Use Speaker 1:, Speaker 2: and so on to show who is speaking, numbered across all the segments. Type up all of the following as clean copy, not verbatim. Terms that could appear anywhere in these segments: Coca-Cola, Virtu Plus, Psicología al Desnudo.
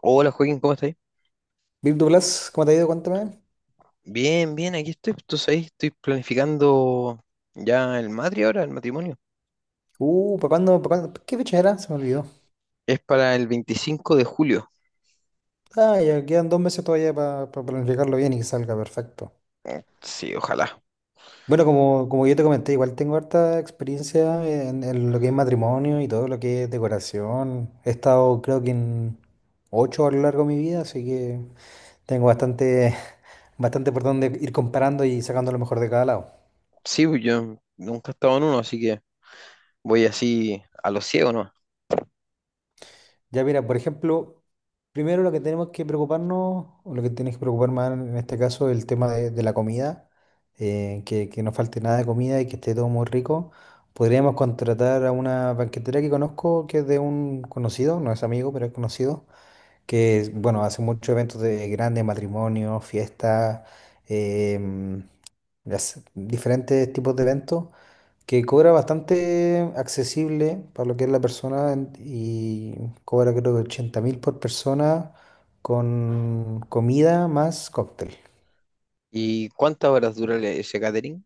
Speaker 1: Hola Joaquín, ¿cómo estáis?
Speaker 2: Virtu Plus, ¿cómo te ha ido? Cuéntame.
Speaker 1: Bien, bien, aquí estoy. Tú sabes, estoy planificando ya el matri ahora, el matrimonio.
Speaker 2: Para cuándo? ¿Qué fecha era? Se me olvidó.
Speaker 1: Es para el 25 de julio.
Speaker 2: Ah, ya quedan dos meses todavía para planificarlo bien y que salga perfecto.
Speaker 1: Sí, ojalá.
Speaker 2: Bueno, como yo te comenté, igual tengo harta experiencia en lo que es matrimonio y todo lo que es decoración. He estado, creo que en ocho a lo largo de mi vida, así que tengo bastante, bastante por donde ir comparando y sacando lo mejor de cada lado.
Speaker 1: Sí, pues yo nunca he estado en uno, así que voy así a lo ciego, ¿no?
Speaker 2: Ya mira, por ejemplo, primero lo que tenemos que preocuparnos, o lo que tienes que preocupar más en este caso, el tema de la comida, que no falte nada de comida y que esté todo muy rico. Podríamos contratar a una banquetera que conozco, que es de un conocido, no es amigo, pero es conocido, que, bueno, hace muchos eventos de grandes matrimonios, fiestas, em, hace diferentes tipos de eventos que cobra bastante accesible para lo que es la persona y cobra creo que 80 mil por persona con comida más cóctel.
Speaker 1: ¿Y cuántas horas dura ese catering?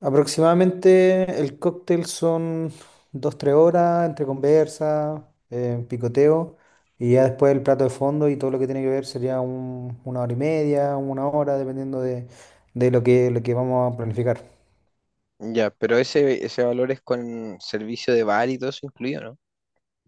Speaker 2: Aproximadamente el cóctel son dos tres horas entre conversa, picoteo, y ya después el plato de fondo y todo lo que tiene que ver sería una hora y media, una hora, dependiendo de lo que vamos a planificar.
Speaker 1: Ya, pero ese valor es con servicio de bar y todo eso incluido,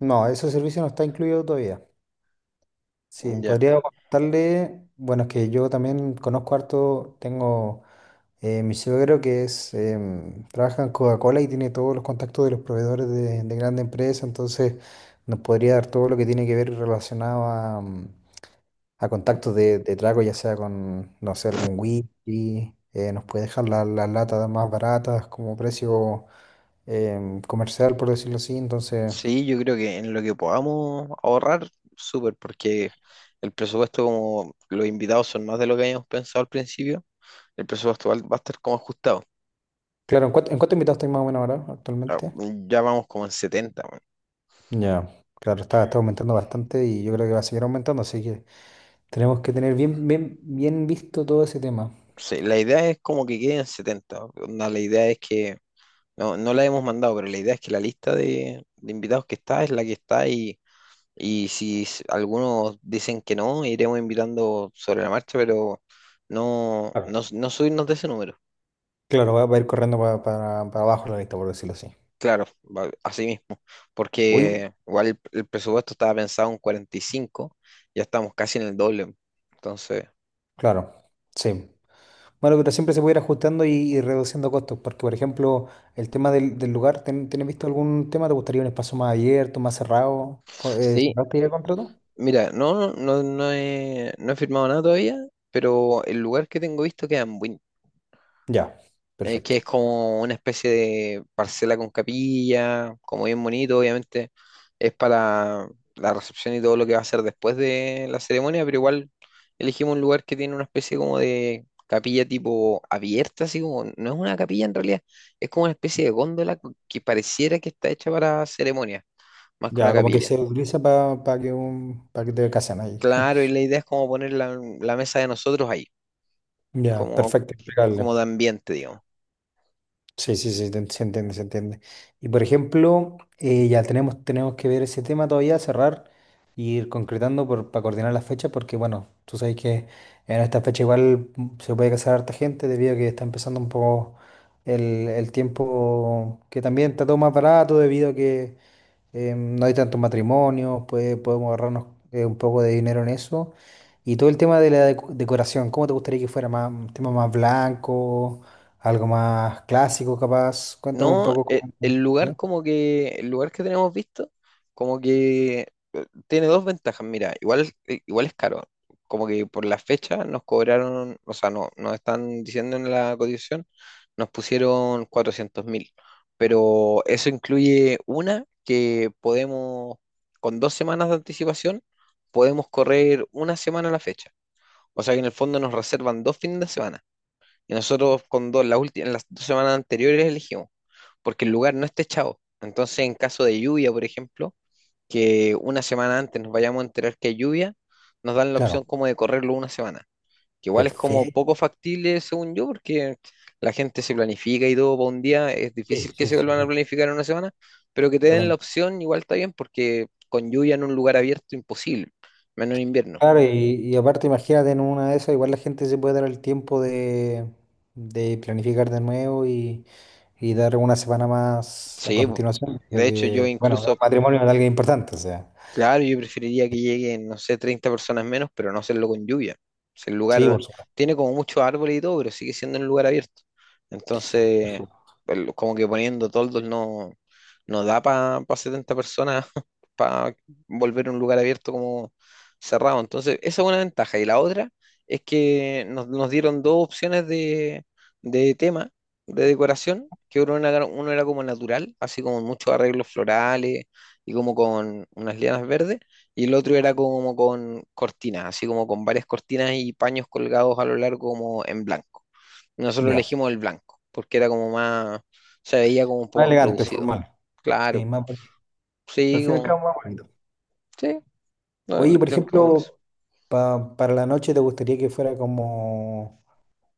Speaker 2: No, ese servicio no está incluido todavía. Sí,
Speaker 1: ¿no? Ya.
Speaker 2: podría contarle, bueno, es que yo también conozco harto, tengo mi suegro que es, trabaja en Coca-Cola y tiene todos los contactos de los proveedores de grandes empresas, entonces nos podría dar todo lo que tiene que ver relacionado a, a contactos de trago, ya sea con, no sé, algún whisky, nos puede dejar las latas más baratas como precio comercial, por decirlo así, entonces,
Speaker 1: Sí, yo creo que en lo que podamos ahorrar, súper, porque el presupuesto, como los invitados son más de lo que habíamos pensado al principio. El presupuesto va a estar como ajustado.
Speaker 2: claro, ¿en cuánto invitados estáis más o menos ahora
Speaker 1: Ah,
Speaker 2: actualmente?
Speaker 1: ya vamos como en 70 weón.
Speaker 2: Ya, claro, está aumentando bastante y yo creo que va a seguir aumentando, así que tenemos que tener bien, bien, bien visto todo ese tema.
Speaker 1: Sí, la idea es como que quede en 70. Onda, la idea es que, no, no la hemos mandado, pero la idea es que la lista de invitados que está es la que está, y si algunos dicen que no, iremos invitando sobre la marcha, pero
Speaker 2: Claro,
Speaker 1: no subirnos de ese número.
Speaker 2: claro, va a ir corriendo para abajo la lista, por decirlo así.
Speaker 1: Claro, así mismo,
Speaker 2: Hoy,
Speaker 1: porque igual el presupuesto estaba pensado en 45, ya estamos casi en el doble. Entonces...
Speaker 2: claro, sí. Bueno, pero siempre se puede ir ajustando y reduciendo costos, porque por ejemplo, el tema del lugar, ¿tienes visto algún tema? ¿Te gustaría un espacio más abierto, más cerrado?
Speaker 1: Sí,
Speaker 2: ¿Cerraste ya el contrato?
Speaker 1: mira, no he, no he firmado nada todavía, pero el lugar que tengo visto queda en Buin,
Speaker 2: Ya,
Speaker 1: que es
Speaker 2: perfecto.
Speaker 1: como una especie de parcela con capilla, como bien bonito. Obviamente es para la recepción y todo lo que va a ser después de la ceremonia, pero igual elegimos un lugar que tiene una especie como de capilla tipo abierta, así como, no es una capilla en realidad, es como una especie de góndola que pareciera que está hecha para ceremonia, más que una
Speaker 2: Ya, como que
Speaker 1: capilla.
Speaker 2: se utiliza para que te casen ahí.
Speaker 1: Claro, y la idea es como poner la mesa de nosotros ahí.
Speaker 2: Ya,
Speaker 1: Como,
Speaker 2: perfecto, impecable.
Speaker 1: como de ambiente, digamos.
Speaker 2: Sí, sí, sí, se entiende, se entiende. Y por ejemplo, ya tenemos que ver ese tema todavía, cerrar y ir concretando para coordinar las fechas, porque bueno, tú sabes que en esta fecha igual se puede casar harta gente debido a que está empezando un poco el, el tiempo que también está todo más barato debido a que no hay tantos matrimonios, podemos ahorrarnos un poco de dinero en eso. Y todo el tema de la decoración, ¿cómo te gustaría que fuera? Más, un tema más blanco, algo más clásico capaz. Cuéntame un
Speaker 1: No,
Speaker 2: poco
Speaker 1: e-
Speaker 2: cómo te
Speaker 1: el, lugar
Speaker 2: gustaría.
Speaker 1: como que, el lugar que tenemos visto, como que tiene dos ventajas, mira, igual, igual es caro, como que por la fecha nos cobraron, o sea, no, nos están diciendo en la cotización, nos pusieron 400.000, pero eso incluye una que podemos, con dos semanas de anticipación, podemos correr una semana a la fecha, o sea que en el fondo nos reservan dos fines de semana. Y nosotros con dos, la última, en las dos semanas anteriores elegimos, porque el lugar no está echado. Entonces, en caso de lluvia, por ejemplo, que una semana antes nos vayamos a enterar que hay lluvia, nos dan la opción
Speaker 2: Claro,
Speaker 1: como de correrlo una semana, que igual es como poco
Speaker 2: perfecto.
Speaker 1: factible, según yo, porque la gente se planifica y todo para un día, es
Speaker 2: Sí,
Speaker 1: difícil que
Speaker 2: sí,
Speaker 1: se
Speaker 2: sí,
Speaker 1: vuelvan a
Speaker 2: sí,
Speaker 1: planificar en una semana, pero que te den la
Speaker 2: totalmente.
Speaker 1: opción igual está bien, porque con lluvia en un lugar abierto, imposible, menos en invierno.
Speaker 2: Claro, y aparte imagínate en una de esas, igual la gente se puede dar el tiempo de planificar de nuevo y dar una semana más a
Speaker 1: Sí, po.
Speaker 2: continuación. Creo
Speaker 1: De hecho, yo
Speaker 2: que, bueno, es un
Speaker 1: incluso,
Speaker 2: matrimonio de alguien importante, o sea.
Speaker 1: claro, yo preferiría que lleguen, no sé, 30 personas menos, pero no hacerlo con lluvia. O el
Speaker 2: Sí,
Speaker 1: lugar
Speaker 2: por supuesto.
Speaker 1: tiene como muchos árboles y todo, pero sigue siendo un lugar abierto. Entonces,
Speaker 2: Eso.
Speaker 1: como que poniendo toldos no, no da para 70 personas para volver un lugar abierto como cerrado. Entonces, esa es una ventaja. Y la otra es que nos dieron dos opciones de tema, de decoración, que uno era como natural, así como muchos arreglos florales y como con unas lianas verdes, y el otro era como con cortinas, así como con varias cortinas y paños colgados a lo largo como en blanco. Nosotros
Speaker 2: Ya.
Speaker 1: elegimos el blanco, porque era como más, se veía como un
Speaker 2: Más
Speaker 1: poco más
Speaker 2: elegante,
Speaker 1: producido.
Speaker 2: formal.
Speaker 1: Claro,
Speaker 2: Sí, más bonito. Al
Speaker 1: sí,
Speaker 2: fin y al
Speaker 1: como,
Speaker 2: cabo, más bonito.
Speaker 1: sí, no, no,
Speaker 2: Oye,
Speaker 1: no,
Speaker 2: por
Speaker 1: como eso.
Speaker 2: ejemplo, para la noche, ¿te gustaría que fuera como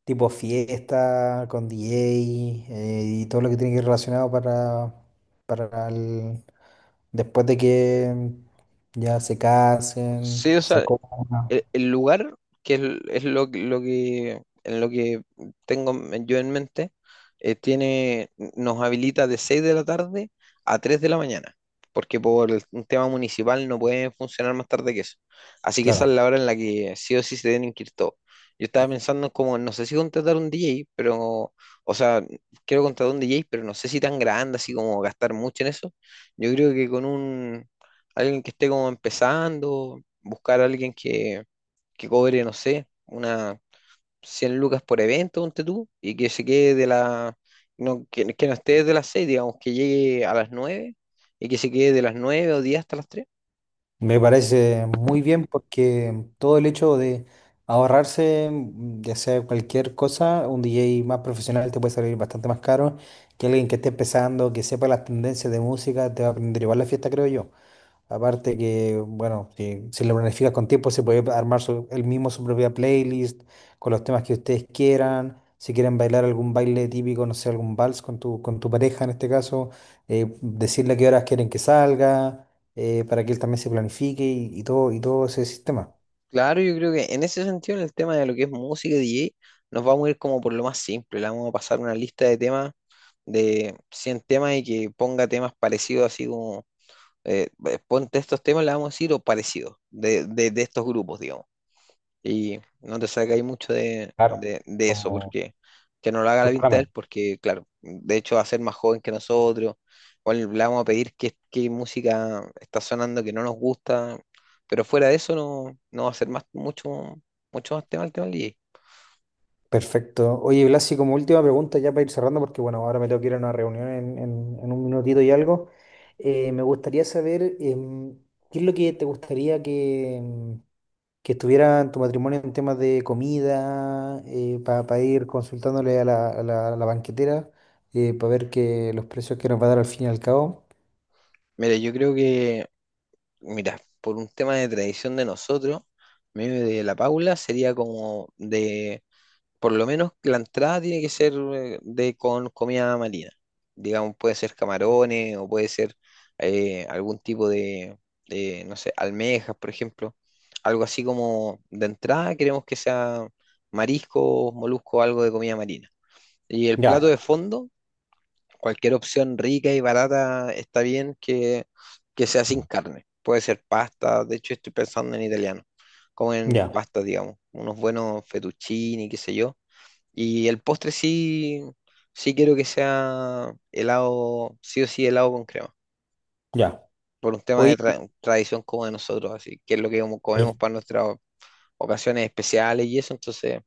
Speaker 2: tipo fiesta, con DJ y todo lo que tiene que ir relacionado para después de que ya se
Speaker 1: Sí,
Speaker 2: casen,
Speaker 1: o
Speaker 2: se
Speaker 1: sea,
Speaker 2: coman?
Speaker 1: el lugar, que es, es lo que, en lo que tengo yo en mente, tiene, nos habilita de 6 de la tarde a 3 de la mañana, porque por un tema municipal no pueden funcionar más tarde que eso. Así que esa es
Speaker 2: Claro.
Speaker 1: la hora en la que sí o sí se deben inscribir todos. Yo estaba pensando como, no sé si contratar un DJ, pero, o sea, quiero contratar un DJ, pero no sé si tan grande, así como gastar mucho en eso. Yo creo que con un, alguien que esté como empezando, buscar a alguien que cobre, no sé, unas 100 lucas por evento, ponte tú, y que se quede de la, no, que no esté desde las 6 digamos, que llegue a las 9 y que se quede de las 9 o 10 hasta las 3.
Speaker 2: Me parece muy bien porque todo el hecho de ahorrarse, ya sea cualquier cosa, un DJ más profesional te puede salir bastante más caro que alguien que esté empezando, que sepa las tendencias de música, te va a aprender igual la fiesta, creo yo. Aparte que, bueno, si lo planificas con tiempo, se puede armar él mismo su propia playlist con los temas que ustedes quieran. Si quieren bailar algún baile típico, no sé, algún vals con tu pareja en este caso, decirle a qué horas quieren que salga, para que él también se planifique y todo ese sistema.
Speaker 1: Claro, yo creo que en ese sentido, en el tema de lo que es música y DJ, nos vamos a ir como por lo más simple, le vamos a pasar una lista de temas, de 100 temas y que ponga temas parecidos, así como, ponte estos temas, le vamos a decir, o parecidos, de de estos grupos, digamos. Y no te sacáis mucho
Speaker 2: Claro,
Speaker 1: de eso,
Speaker 2: como
Speaker 1: porque que no lo haga la
Speaker 2: los
Speaker 1: pinta de
Speaker 2: programas.
Speaker 1: él, porque claro, de hecho va a ser más joven que nosotros, o le vamos a pedir qué música está sonando que no nos gusta, pero fuera de eso no, no va a ser mucho, mucho más tema el tema del DJ.
Speaker 2: Perfecto. Oye, Blasi, como última pregunta, ya para ir cerrando, porque bueno, ahora me tengo que ir a una reunión en un minutito y algo. Me gustaría saber qué es lo que te gustaría que estuviera en tu matrimonio en temas de comida, para ir consultándole a a la banquetera, para ver que los precios que nos va a dar al fin y al cabo.
Speaker 1: Mira, yo creo que, mira, por un tema de tradición de nosotros, medio de la Paula sería como de, por lo menos la entrada tiene que ser de con comida marina. Digamos, puede ser camarones o puede ser algún tipo de, no sé, almejas, por ejemplo. Algo así como de entrada queremos que sea marisco, molusco, algo de comida marina. Y el plato
Speaker 2: Ya,
Speaker 1: de fondo, cualquier opción rica y barata está bien, que sea sin carne. Puede ser pasta, de hecho estoy pensando en italiano, como en
Speaker 2: ya,
Speaker 1: pasta, digamos, unos buenos fettuccini, qué sé yo, y el postre sí, sí quiero que sea helado, sí o sí helado con crema,
Speaker 2: ya.
Speaker 1: por un tema de
Speaker 2: Oye,
Speaker 1: tradición como de nosotros, así que es lo que como comemos para nuestras ocasiones especiales y eso, entonces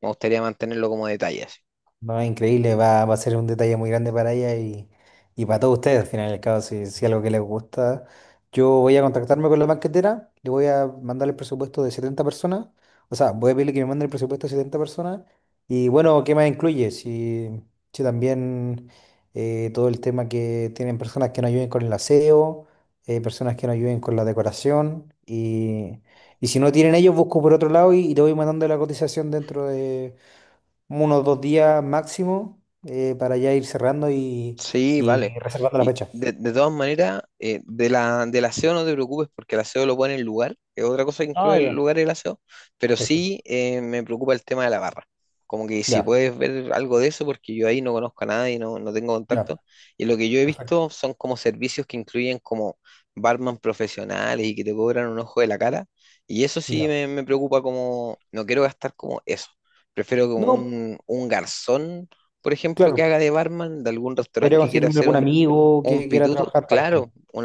Speaker 1: me gustaría mantenerlo como detalle, así.
Speaker 2: no, increíble, va a ser un detalle muy grande para ella y para todos ustedes, al final del cabo, si algo que les gusta. Yo voy a contactarme con la banquetera, le voy a mandar el presupuesto de 70 personas, o sea, voy a pedirle que me mande el presupuesto de 70 personas y bueno, ¿qué más incluye? Si, si también todo el tema que tienen personas que nos ayuden con el aseo, personas que nos ayuden con la decoración y si no tienen ellos, busco por otro lado y te voy mandando la cotización dentro de unos dos días máximo para ya ir cerrando y,
Speaker 1: Sí, vale.
Speaker 2: y reservando la
Speaker 1: Y
Speaker 2: fecha.
Speaker 1: de todas maneras, de del aseo no te preocupes porque el aseo lo pone en lugar, que es otra cosa que
Speaker 2: Ah,
Speaker 1: incluye el
Speaker 2: ya,
Speaker 1: lugar y el aseo, pero
Speaker 2: perfecto.
Speaker 1: sí me preocupa el tema de la barra. Como que si
Speaker 2: Ya,
Speaker 1: puedes ver algo de eso, porque yo ahí no conozco a nadie, no, no tengo
Speaker 2: ya,
Speaker 1: contacto. Y lo que yo he
Speaker 2: perfecto.
Speaker 1: visto son como servicios que incluyen como barman profesionales y que te cobran un ojo de la cara. Y eso sí
Speaker 2: Ya.
Speaker 1: me preocupa como, no quiero gastar como eso. Prefiero como
Speaker 2: No,
Speaker 1: un garzón por ejemplo, que
Speaker 2: claro,
Speaker 1: haga de barman de algún restaurante
Speaker 2: podría
Speaker 1: que quiera
Speaker 2: conseguirme
Speaker 1: hacer
Speaker 2: algún amigo
Speaker 1: un
Speaker 2: que quiera
Speaker 1: pituto,
Speaker 2: trabajar part-time.
Speaker 1: claro, un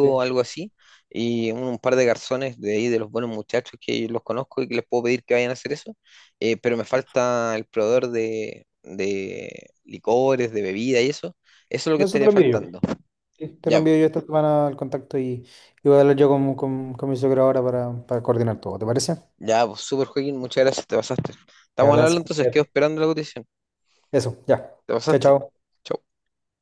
Speaker 2: Sí.
Speaker 1: algo así, y un par de garzones de ahí, de los buenos muchachos que los conozco y que les puedo pedir que vayan a hacer eso, pero me falta el proveedor de licores, de bebida y eso es lo que
Speaker 2: No, eso te
Speaker 1: estaría
Speaker 2: lo envío yo.
Speaker 1: faltando.
Speaker 2: Sí, te lo
Speaker 1: Ya, po.
Speaker 2: envío yo esta semana al contacto y voy a hablar yo con mi suegro ahora para coordinar todo. ¿Te parece?
Speaker 1: Ya, pues, super Joaquín, muchas gracias, te pasaste.
Speaker 2: Me
Speaker 1: Estamos al habla
Speaker 2: hablas,
Speaker 1: entonces, quedo
Speaker 2: cuídate.
Speaker 1: esperando la cotización,
Speaker 2: Eso, ya.
Speaker 1: te
Speaker 2: Chao,
Speaker 1: pasaste.
Speaker 2: chao.
Speaker 1: Chau.